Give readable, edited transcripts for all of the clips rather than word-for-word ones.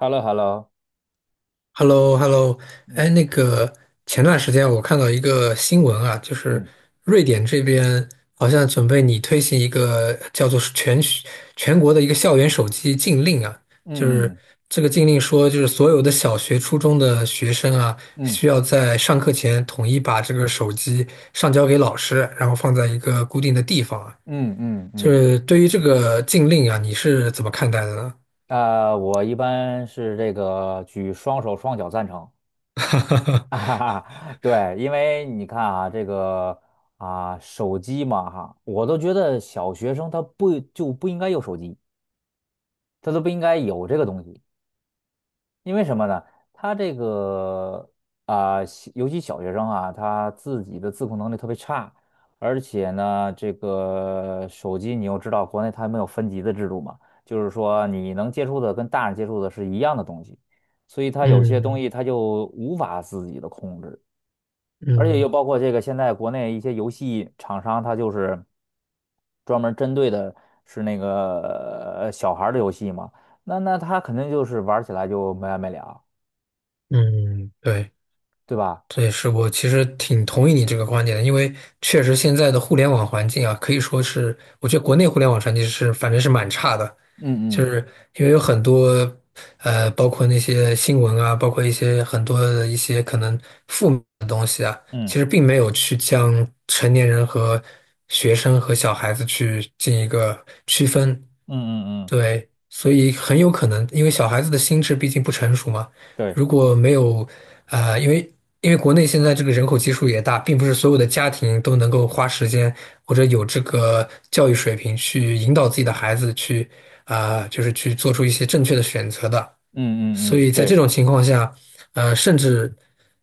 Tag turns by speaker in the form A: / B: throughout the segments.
A: h e l l o h e l l o
B: h e l l o h e l l o 哎，
A: 那
B: 那个前段时间我看到一个新闻啊，就是
A: 嗯
B: 瑞典这边好像准备拟推行一个叫做是全国的一个校园手机禁令啊。就
A: 嗯
B: 是
A: 嗯
B: 这个禁令说，就是所有的小学、初中的学生啊，
A: 嗯
B: 需要在上课前统一把这个手机上交给老师，然后放在一个固定的地方啊。
A: 嗯嗯
B: 就
A: 嗯，
B: 是对于这个禁令啊，你是怎么看待的呢？
A: 我一般是这个举双手双脚赞成。啊哈 哈，对，因为你看啊，这个手机嘛哈，我都觉得小学生他不就不应该有手机，他都不应该有这个东西。因为什么呢？他这个尤其小学生啊，他自己的自控能力特别差，而且呢，这个手机你又知道，国内它没有分级的制度嘛，就是说你能接触的跟大人接触的是一样的东西，所以他有些东
B: 嗯
A: 西他就无法自己的控制，而且
B: 嗯
A: 又包括这个现在国内一些游戏厂商，它就是专门针对的是那个小孩儿的游戏嘛，那他肯定就是玩起来就没完没了。
B: 嗯，对。
A: 对吧？
B: 这也是我其实挺同意你这个观点的，因为确实现在的互联网环境啊，可以说是，我觉得国内互联网环境是反正是蛮差的，
A: 嗯
B: 就是
A: 嗯
B: 因为有很多包括那些新闻啊，包括一些很多的一些可能负面的东西啊，其
A: 嗯
B: 实并没有去将成年人和学生和小孩子去进一个区分。
A: 嗯嗯嗯，
B: 对，所以很有可能因为小孩子的心智毕竟不成熟嘛。
A: 对。
B: 如果没有，呃，因为因为国内现在这个人口基数也大，并不是所有的家庭都能够花时间或者有这个教育水平去引导自己的孩子去，啊、就是去做出一些正确的选择的。
A: 嗯嗯
B: 所
A: 嗯，
B: 以在这
A: 对
B: 种情况下，甚至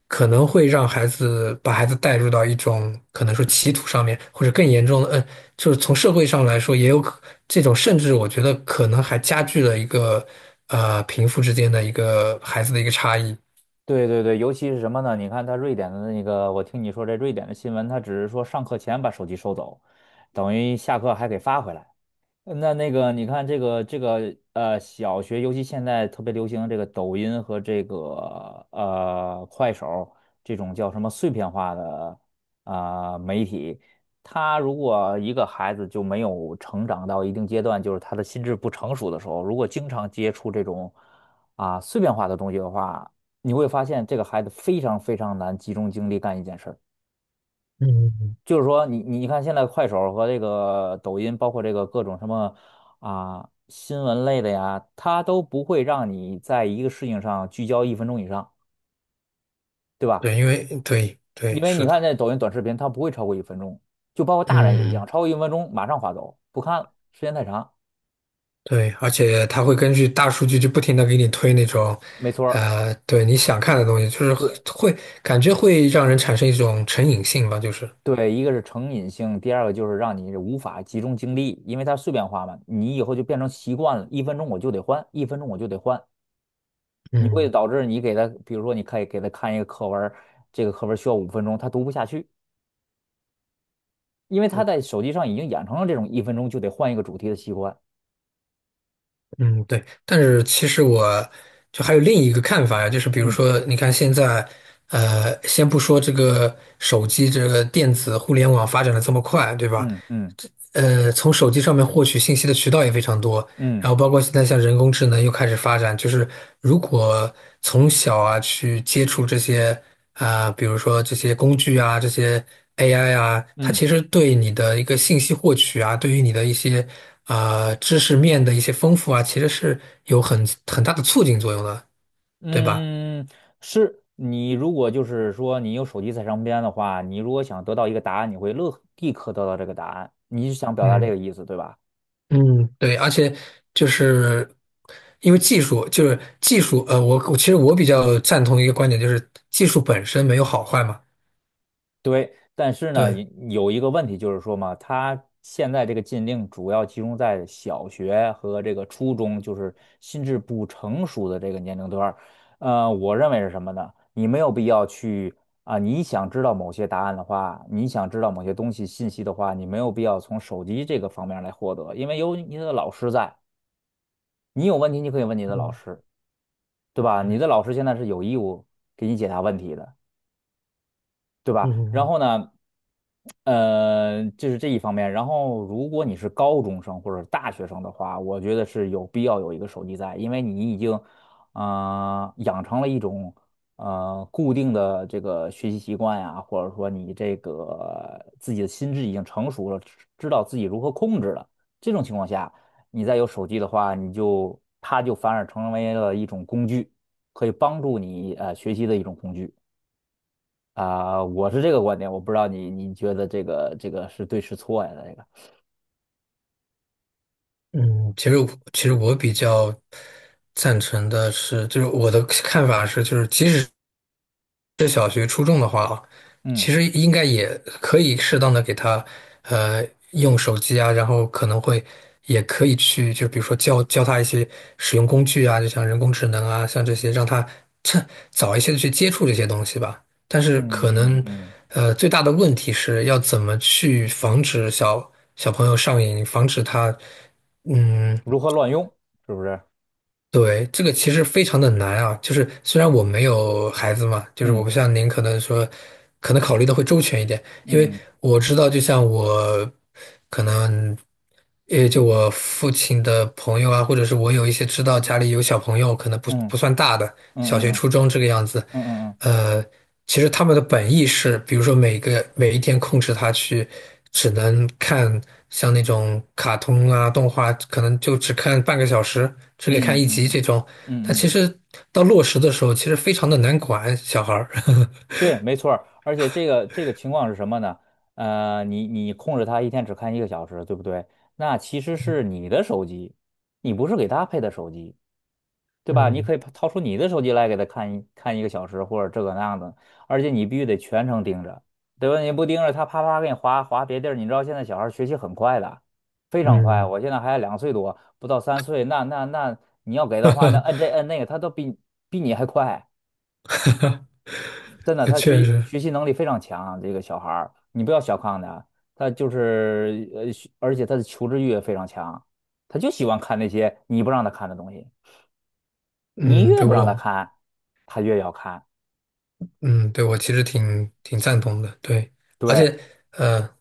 B: 可能会让孩子把孩子带入到一种可能说歧途上面，或者更严重的，就是从社会上来说，也有可这种，甚至我觉得可能还加剧了一个贫富之间的一个孩子的一个差异。
A: 对对。对，尤其是什么呢？你看他瑞典的那个，我听你说这瑞典的新闻，他只是说上课前把手机收走，等于下课还给发回来。那个，你看这个小学尤其现在特别流行这个抖音和这个快手这种叫什么碎片化的媒体。他如果一个孩子就没有成长到一定阶段，就是他的心智不成熟的时候，如果经常接触这种碎片化的东西的话，你会发现这个孩子非常非常难集中精力干一件事儿。
B: 嗯，
A: 就是说你看现在快手和这个抖音，包括这个各种什么新闻类的呀，它都不会让你在一个事情上聚焦一分钟以上，对吧？
B: 对，因为对
A: 因
B: 对
A: 为你
B: 是的。
A: 看那抖音短视频，它不会超过一分钟，就包括大人也一样，
B: 嗯，
A: 超过一分钟马上划走，不看了，时间太长。
B: 对，而且他会根据大数据就不停的给你推那种，
A: 没错儿。
B: 对你想看的东西，就是
A: 对
B: 会感觉会让人产生一种成瘾性吧，就是。
A: 对，一个是成瘾性，第二个就是让你无法集中精力，因为它碎片化嘛，你以后就变成习惯了，一分钟我就得换，一分钟我就得换。你会
B: 嗯
A: 导致你给他，比如说你可以给他看一个课文儿，这个课文儿需要五分钟，他读不下去，因为他
B: 是的
A: 在手机上已经养成了这种一分钟就得换一个主题的习惯。
B: 嗯，对，但是其实我就还有另一个看法呀，就是比如
A: 嗯
B: 说，你看现在，先不说这个手机这个电子互联网发展的这么快，对吧？
A: 嗯嗯
B: 从手机上面获取信息的渠道也非常多，然
A: 嗯
B: 后包括现在像人工智能又开始发展，就是如果从小啊去接触这些啊、比如说这些工具啊，这些 AI 啊，它
A: 嗯
B: 其实对你的一个信息获取啊，对于你的一些啊、知识面的一些丰富啊，其实是有很大的促进作用的，对吧？
A: 嗯，是你如果就是说你有手机在身边的话，你如果想得到一个答案，你会立刻得到这个答案，你是想表达这
B: 嗯。
A: 个意思，对吧？
B: 嗯，对，而且就是因为技术，就是技术，我其实我比较赞同一个观点，就是技术本身没有好坏嘛。
A: 对，但是呢，
B: 对。
A: 有一个问题就是说嘛，他现在这个禁令主要集中在小学和这个初中，就是心智不成熟的这个年龄段儿。我认为是什么呢？你没有必要去你想知道某些答案的话，你想知道某些东西信息的话，你没有必要从手机这个方面来获得，因为有你的老师在，你有问题你可以问你的老
B: 嗯
A: 师，对吧？你
B: 嗯
A: 的老师现在是有义务给你解答问题的。对吧？然
B: 嗯，
A: 后呢，就是这一方面。然后，如果你是高中生或者大学生的话，我觉得是有必要有一个手机在，因为你已经，养成了一种固定的这个学习习惯呀，或者说你这个自己的心智已经成熟了，知道自己如何控制了。这种情况下，你再有手机的话，你就它就反而成为了一种工具，可以帮助你学习的一种工具。我是这个观点。我不知道你觉得这个是对是错呀？这个
B: 嗯，其实我比较赞成的是，就是我的看法是，就是即使是小学、初中的话啊，
A: 嗯
B: 其实应该也可以适当的给他，呃，用手机啊，然后可能会也可以去，就比如说教教他一些使用工具啊，就像人工智能啊，像这些，让他趁早一些的去接触这些东西吧。但是
A: 嗯
B: 可
A: 嗯
B: 能，
A: 嗯，
B: 最大的问题是要怎么去防止小朋友上瘾，防止他。嗯。
A: 如何乱用，是不是？
B: 对，这个其实非常的难啊，就是虽然我没有孩子嘛，就是我
A: 嗯
B: 不像您可能说，可能考虑的会周全一点，因为
A: 嗯嗯
B: 我知道，就像我可能，也就我父亲的朋友啊，或者是我有一些知道家里有小朋友，可能不
A: 嗯
B: 算大的，
A: 嗯
B: 小学、
A: 嗯嗯
B: 初中这个样子，
A: 嗯嗯
B: 呃，其实他们的本意是，比如说每一天控制他去，只能看像那种卡通啊、动画，可能就只看半个小时，只给看
A: 嗯
B: 一
A: 嗯
B: 集
A: 嗯
B: 这种。但
A: 嗯
B: 其
A: 嗯，
B: 实到落实的时候，其实非常的难管小孩儿。
A: 对，没错儿。而且这个情况是什么呢？你控制它一天只看一个小时，对不对？那其实是你的手机，你不是给他配的手机。对吧？你
B: 嗯
A: 可以掏出你的手机来给他看一看一个小时，或者这个那样的，而且你必须得全程盯着，对吧？你不盯着他，啪啪给你划别地儿。你知道现在小孩儿学习很快的，非常快。
B: 嗯，
A: 我现在还两岁多，不到三岁，那你要给的话，那摁这摁那个，他都比你还快。真的，他
B: 确实。
A: 学习能力非常强，这个小孩儿，你不要小看他，他就是学，而且他的求知欲也非常强，他就喜欢看那些你不让他看的东西。你
B: 嗯，
A: 越
B: 对
A: 不让他
B: 我，
A: 看，他越要看。
B: 嗯，对我其实挺赞同的，对，而
A: 对。
B: 且，呃，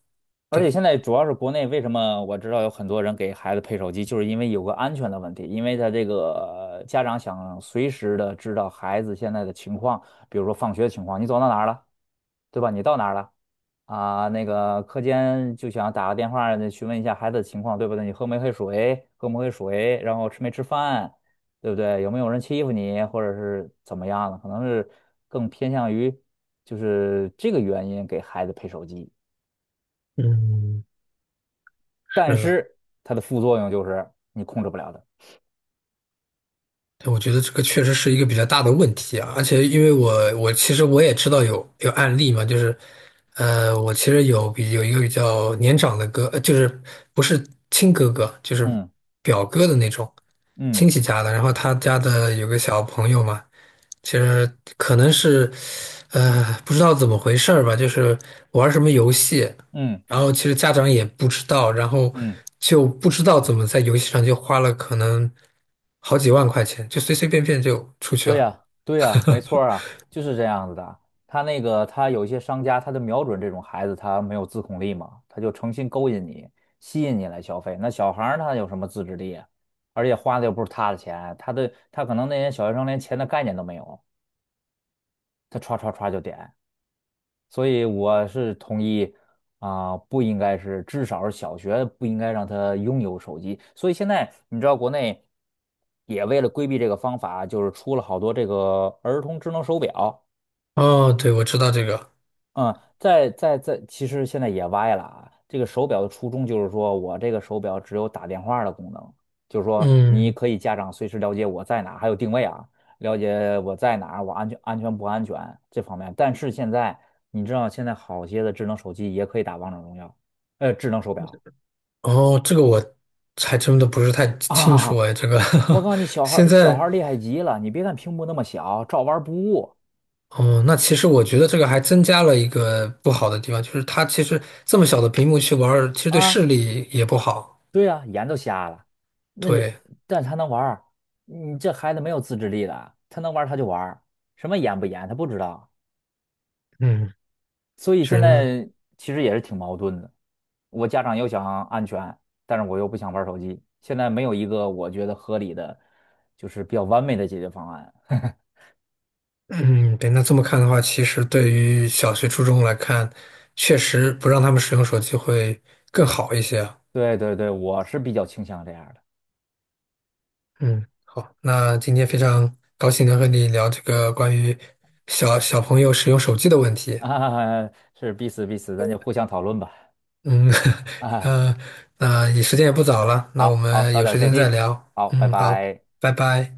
A: 而且
B: 对。
A: 现在主要是国内，为什么我知道有很多人给孩子配手机，就是因为有个安全的问题，因为他这个家长想随时的知道孩子现在的情况，比如说放学的情况，你走到哪儿了，对吧？你到哪儿了？啊，那个课间就想打个电话那询问一下孩子的情况，对不对？你喝没喝水？喝没喝水？然后吃没吃饭？对不对？有没有人欺负你，或者是怎么样的？可能是更偏向于就是这个原因给孩子配手机，
B: 嗯，是
A: 但
B: 的。
A: 是它的副作用就是你控制不了的。
B: 对我觉得这个确实是一个比较大的问题啊，而且因为我其实我也知道有案例嘛，就是，我其实有一个比较年长的哥，就是不是亲哥哥，就是
A: 嗯
B: 表哥的那种
A: 嗯
B: 亲戚家的，然后他家的有个小朋友嘛，其实可能是，不知道怎么回事儿吧，就是玩什么游戏，
A: 嗯
B: 然后其实家长也不知道，然后
A: 嗯。
B: 就不知道怎么在游戏上就花了可能好几万块钱，就随随便便就出去
A: 对
B: 了。
A: 呀，对呀，没错儿啊，就是这样子的。他那个，他有一些商家，他就瞄准这种孩子，他没有自控力嘛，他就诚心勾引你，吸引你来消费。那小孩儿他有什么自制力啊？而且花的又不是他的钱，他的他可能那些小学生连钱的概念都没有，他歘歘歘就点。所以我是同意不应该是，至少是小学不应该让他拥有手机。所以现在你知道，国内也为了规避这个方法，就是出了好多这个儿童智能手表。
B: 哦，对，我知道这个。
A: 嗯，在，其实现在也歪了啊。这个手表的初衷就是说，我这个手表只有打电话的功能，就是说你
B: 嗯，
A: 可以家长随时了解我在哪儿还有定位啊，了解我在哪儿我安全，不安全这方面。但是现在你知道，现在好些的智能手机也可以打王者荣耀，智能手表。
B: 哦，这个我还真的不是太 清楚
A: 啊。
B: 哎，这个
A: 我告诉你，
B: 现在。
A: 小孩儿厉害极了，你别看屏幕那么小，照玩儿不误
B: 哦，那其实我觉得这个还增加了一个不好的地方，就是它其实这么小的屏幕去玩儿，其实对
A: 啊。
B: 视力也不好。
A: 对呀、眼都瞎了，那人
B: 对。
A: 但是他能玩儿，你这孩子没有自制力的，他能玩儿他就玩儿，什么严不严他不知道，
B: 嗯，
A: 所以
B: 确
A: 现
B: 实。
A: 在其实也是挺矛盾的。我家长又想安全，但是我又不想玩儿手机，现在没有一个我觉得合理的，就是比较完美的解决方案。
B: 嗯，对，那这么看的话，其实对于小学、初中来看，确实不让他们使用手机会更好一些啊。
A: 对对对，我是比较倾向这样的。
B: 嗯，好，那今天非常高兴能和你聊这个关于小朋友使用手机的问题。
A: 啊，是彼此彼此，咱就互相讨论吧。
B: 嗯，
A: 啊，
B: 那那也时间也不早了，那我
A: 好好，
B: 们
A: 早
B: 有
A: 点
B: 时
A: 休
B: 间再
A: 息。
B: 聊。
A: 好，拜
B: 嗯，好，
A: 拜。
B: 拜拜。